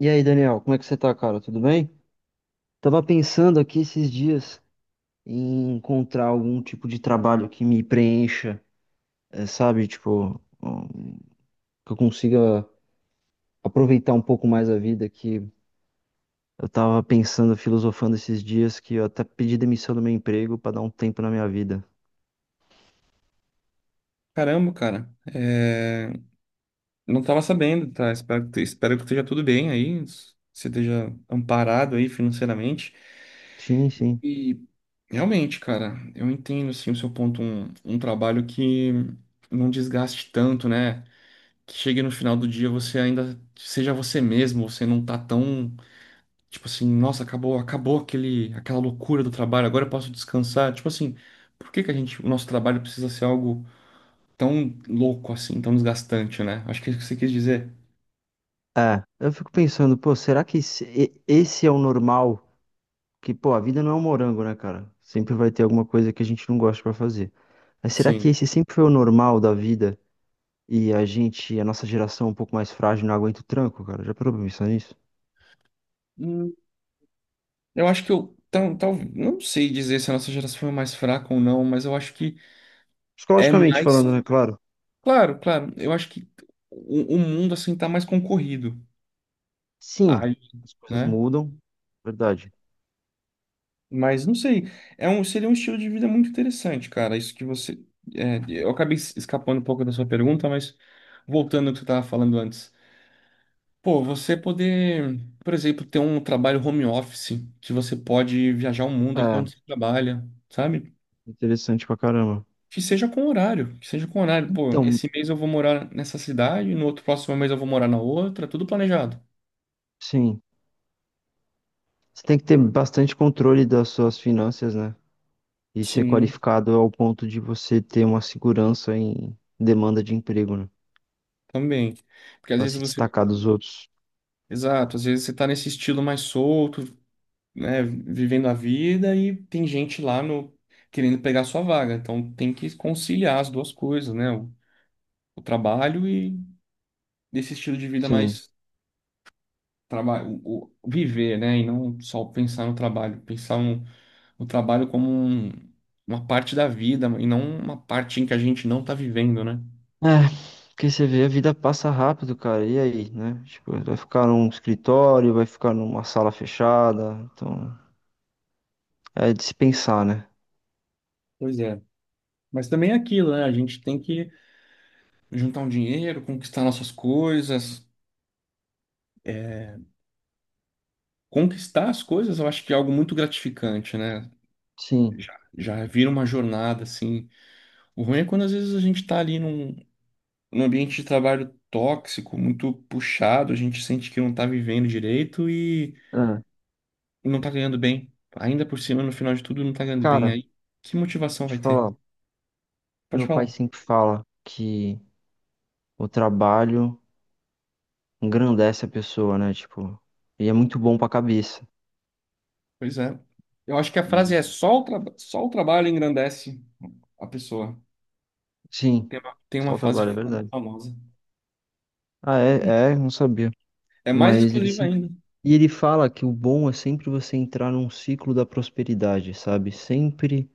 E aí, Daniel, como é que você tá, cara? Tudo bem? Tava pensando aqui esses dias em encontrar algum tipo de trabalho que me preencha, sabe? Tipo, que eu consiga aproveitar um pouco mais a vida, que eu tava pensando, filosofando esses dias, que eu até pedi demissão do meu emprego pra dar um tempo na minha vida. Caramba, cara. Não tava sabendo, tá? Espero que esteja tudo bem aí, você esteja amparado aí financeiramente. Sim, sim. E realmente, cara, eu entendo, assim, o seu ponto, um trabalho que não desgaste tanto, né? Que chegue no final do dia você ainda seja você mesmo, você não tá tão, tipo assim, nossa, acabou aquela loucura do trabalho, agora eu posso descansar. Tipo assim, por que a gente, o nosso trabalho precisa ser algo tão louco assim, tão desgastante, né? Acho que é isso que você quis dizer. É, eu fico pensando, pô, será que esse é o normal? Que, pô, a vida não é um morango, né, cara? Sempre vai ter alguma coisa que a gente não gosta pra fazer. Mas será que Sim. esse sempre foi o normal da vida e a nossa geração é um pouco mais frágil, não aguenta o tranco, cara? Já parou pra pensar nisso? Hum, Eu acho que não sei dizer se a nossa geração foi mais fraca ou não, mas eu acho que é Psicologicamente mais. falando, né, claro? Claro, claro. Eu acho que o mundo assim tá mais concorrido. Sim, Aí, as coisas né? mudam, verdade. Mas não sei. Seria um estilo de vida muito interessante, cara. Isso que você. É, eu acabei escapando um pouco da sua pergunta, mas voltando ao que você estava falando antes. Pô, você poder, por exemplo, ter um trabalho home office, que você pode viajar o mundo É, enquanto você trabalha, sabe? interessante pra caramba. Que seja com horário. Pô, Então, esse mês eu vou morar nessa cidade, no outro próximo mês eu vou morar na outra, tudo planejado. sim, você tem que ter bastante controle das suas finanças, né? E ser Sim, qualificado ao ponto de você ter uma segurança em demanda de emprego, né? também. Porque às Pra vezes se você. destacar dos outros. Exato, às vezes você tá nesse estilo mais solto, né? Vivendo a vida e tem gente lá no querendo pegar sua vaga. Então tem que conciliar as duas coisas, né? O trabalho e desse estilo de vida Sim. mais trabalho, o viver, né? E não só pensar no trabalho, pensar no, no trabalho como uma parte da vida e não uma parte em que a gente não está vivendo, né? É, porque você vê, a vida passa rápido, cara. E aí, né? Tipo, vai ficar num escritório, vai ficar numa sala fechada. Então, é de se pensar, né? Pois é. Mas também é aquilo, né? A gente tem que juntar um dinheiro, conquistar nossas coisas. É, conquistar as coisas, eu acho que é algo muito gratificante, né? Sim. Já vira uma jornada, assim. O ruim é quando às vezes a gente tá ali num, num ambiente de trabalho tóxico, muito puxado, a gente sente que não tá vivendo direito, Ah, não tá ganhando bem. Ainda por cima, no final de tudo, não tá ganhando bem. cara, Aí, que motivação vai deixa eu ter? falar. Pode Meu pai falar. sempre fala que o trabalho engrandece a pessoa, né? Tipo, e é muito bom pra cabeça. Pois é. Eu acho que a frase é E só o trabalho engrandece a pessoa. sim, Tem uma só o frase trabalho, é verdade. famosa. Ah, é, é, não sabia. É mais Mas ele exclusiva sempre. ainda. E ele fala que o bom é sempre você entrar num ciclo da prosperidade, sabe? Sempre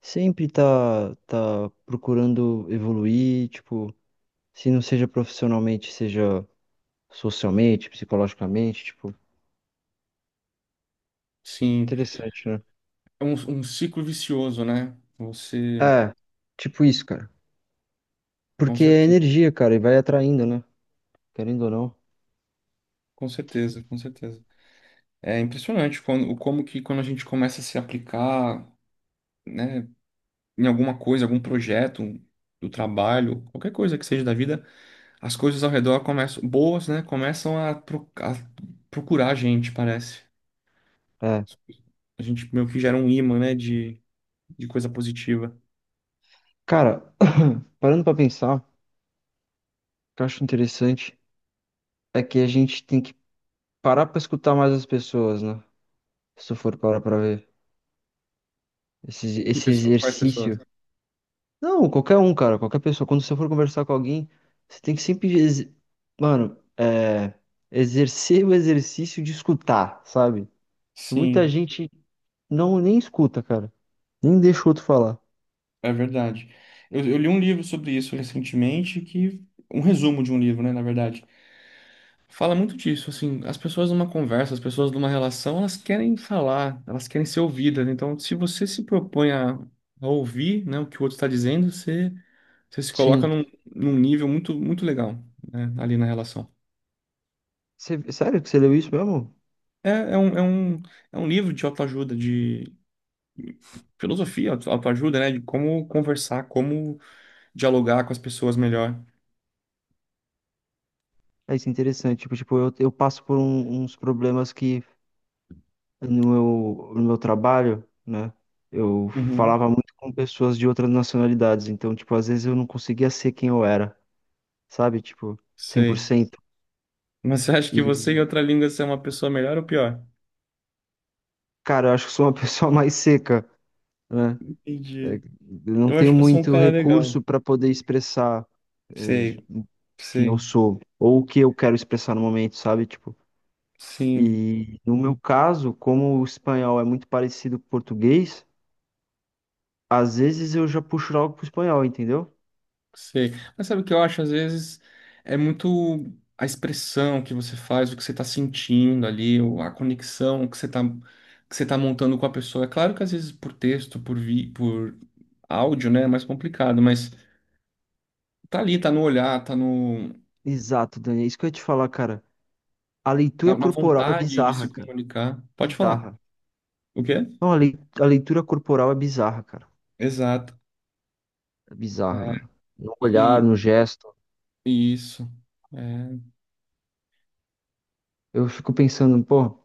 sempre tá procurando evoluir, tipo, se não seja profissionalmente, seja socialmente, psicologicamente, tipo, Sim, interessante, né? é um, um ciclo vicioso, né? Você, É, tipo isso, cara. com Porque é certeza, energia, cara, e vai atraindo, né? Querendo ou não. Com certeza. É impressionante quando, o como que quando a gente começa a se aplicar, né, em alguma coisa, algum projeto, do trabalho, qualquer coisa que seja da vida. As coisas ao redor começam, boas, né? Começam a procurar a gente, parece. É. A gente meio que gera um imã, né? De coisa positiva. Cara, parando pra pensar, o que eu acho interessante é que a gente tem que parar pra escutar mais as pessoas, né? Se tu for parar pra ver. Esse, Que esse pessoa, quais pessoas? exercício. Não, qualquer um, cara, qualquer pessoa. Quando você for conversar com alguém, você tem que sempre, mano, é, exercer o exercício de escutar, sabe? Muita Sim, gente não nem escuta, cara. Nem deixa o outro falar. é verdade. Eu li um livro sobre isso recentemente, que um resumo de um livro, né, na verdade. Fala muito disso, assim, as pessoas numa conversa, as pessoas numa relação, elas querem falar, elas querem ser ouvidas. Então, se você se propõe a ouvir, né, o que o outro está dizendo, você. Você se coloca Sim. num, num nível muito legal, né, ali na relação. Você- sério que você leu isso mesmo? É, é um, é um, é um livro de autoajuda, de filosofia, autoajuda, né? De como conversar, como dialogar com as pessoas melhor. É, isso é interessante. Tipo, eu passo por uns problemas que no meu, no meu trabalho, né? Eu Uhum, falava muito com pessoas de outras nacionalidades. Então, tipo, às vezes eu não conseguia ser quem eu era, sabe? Tipo, cem por sei. cento. Mas você acha que E, você em outra língua você é uma pessoa melhor ou pior? cara, eu acho que sou uma pessoa mais seca, né? É, Entendi. eu não Eu tenho acho que eu sou um muito cara recurso legal. para poder expressar, é, Sei, quem eu sei. sou ou o que eu quero expressar no momento, sabe? Tipo, Sim. e no meu caso, como o espanhol é muito parecido com o português, às vezes eu já puxo algo pro espanhol, entendeu? Sei. Mas sabe o que eu acho? Às vezes é muito a expressão que você faz, o que você está sentindo ali, ou a conexão que você está, que você tá montando com a pessoa. É claro que às vezes por texto, por áudio, né, é mais complicado, mas tá ali, tá no olhar, tá no, Exato, Dani, é isso que eu ia te falar, cara. A leitura na, na corporal é vontade de se bizarra, cara. comunicar. Pode falar. Bizarra. O quê? Não, a a leitura corporal é bizarra, cara. Exato. É bizarra, mano. No olhar, E, no gesto. Isso. É. Eu fico pensando, pô,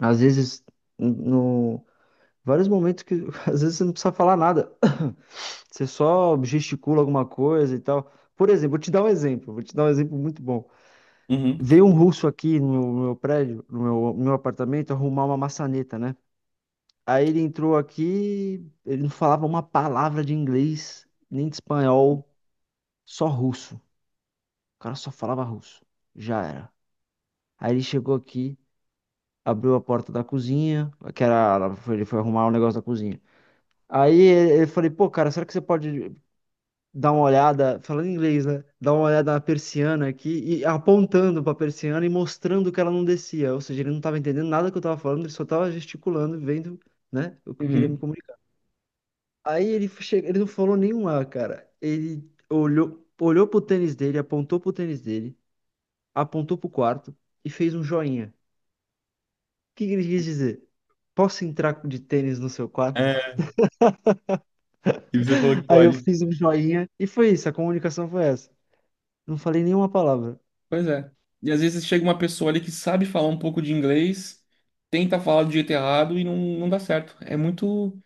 às vezes, no vários momentos que às vezes você não precisa falar nada. Você só gesticula alguma coisa e tal. Por exemplo, vou te dar um exemplo muito bom. Uhum. Veio um russo aqui no meu prédio, no meu apartamento, arrumar uma maçaneta, né? Aí ele entrou aqui, ele não falava uma palavra de inglês, nem de espanhol, só russo. O cara só falava russo. Já era. Aí ele chegou aqui. Abriu a porta da cozinha, que era, ele foi arrumar o negócio da cozinha. Aí ele Eu falei, pô, cara, será que você pode dar uma olhada, falando em inglês, né? Dar uma olhada na persiana aqui, e apontando pra persiana e mostrando que ela não descia. Ou seja, ele não tava entendendo nada que eu tava falando, ele só tava gesticulando, vendo, né, o que eu queria me Uhum. comunicar. Ele não falou nenhum A, cara. Ele olhou pro tênis dele, apontou pro tênis dele, apontou pro quarto e fez um joinha. Que ele quis dizer? Posso entrar de tênis no seu quarto? É. E você falou que Aí eu pode. fiz um joinha e foi isso, a comunicação foi essa. Não falei nenhuma palavra. Pois é. E às vezes chega uma pessoa ali que sabe falar um pouco de inglês, tenta falar do jeito errado e não dá certo. É muito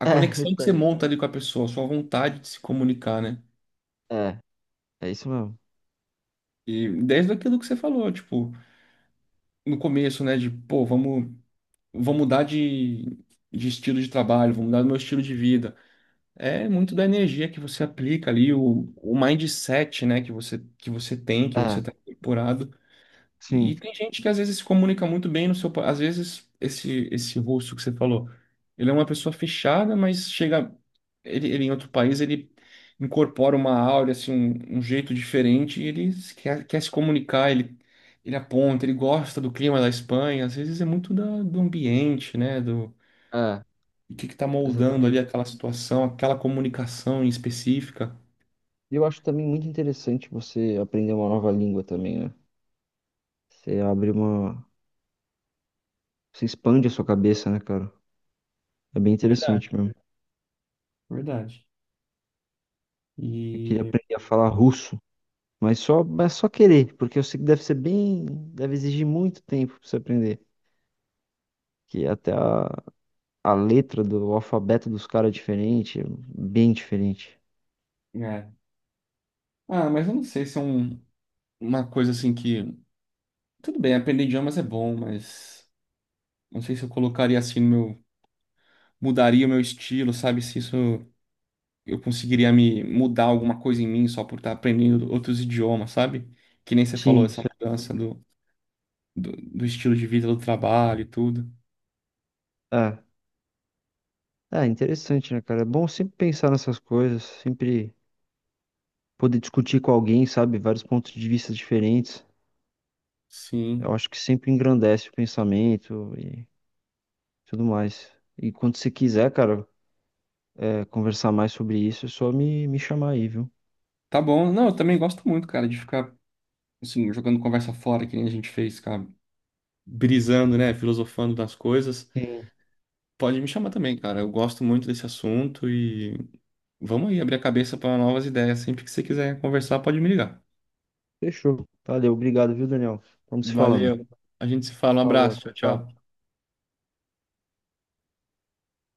a É, conexão que você verdade. monta ali com a pessoa, a sua vontade de se comunicar, né? É, é isso mesmo. E desde aquilo que você falou, tipo, no começo, né, de, pô, vamos mudar de estilo de trabalho, vamos mudar do meu estilo de vida. É muito da energia que você aplica ali, o mindset, né, que você tem, que você É, tá incorporado. E sim. tem gente que às vezes se comunica muito bem no seu. Às vezes, esse russo que você falou, ele é uma pessoa fechada, mas chega. Ele em outro país, ele incorpora uma áurea, assim, um jeito diferente, e ele quer se comunicar, ele aponta, ele gosta do clima da Espanha, às vezes é muito da, do ambiente, né? Do É, o que que tá moldando ali exatamente. aquela situação, aquela comunicação em específica. E eu acho também muito interessante você aprender uma nova língua também, né? Você abre uma. Você expande a sua cabeça, né, cara? É bem interessante Verdade, mesmo. verdade. Eu queria E. aprender a falar russo, mas só querer, porque eu sei que deve ser bem. Deve exigir muito tempo pra você aprender. Que até a letra do o alfabeto dos caras é diferente, bem diferente. É. Ah, mas eu não sei se é um, uma coisa assim que. Tudo bem, aprender idiomas é bom, mas não sei se eu colocaria assim no meu. Mudaria o meu estilo, sabe? Se isso eu conseguiria me mudar alguma coisa em mim só por estar aprendendo outros idiomas, sabe? Que nem você falou, Sim, essa sim. mudança do estilo de vida, do trabalho e tudo. É. É interessante, né, cara? É bom sempre pensar nessas coisas, sempre poder discutir com alguém, sabe? Vários pontos de vista diferentes. Eu Sim. acho que sempre engrandece o pensamento e tudo mais. E quando você quiser, cara, é, conversar mais sobre isso, é só me chamar aí, viu? Tá bom. Não, eu também gosto muito, cara, de ficar assim, jogando conversa fora, que nem a gente fez, cara. Brisando, né? Filosofando das coisas. Sim. Pode me chamar também, cara. Eu gosto muito desse assunto e vamos aí abrir a cabeça para novas ideias. Sempre que você quiser conversar, pode me ligar. Fechou. Valeu, obrigado, viu, Daniel? Vamos se falando. Valeu. A gente se fala. Um Falou, abraço. tchau, Tchau, tchau. tchau.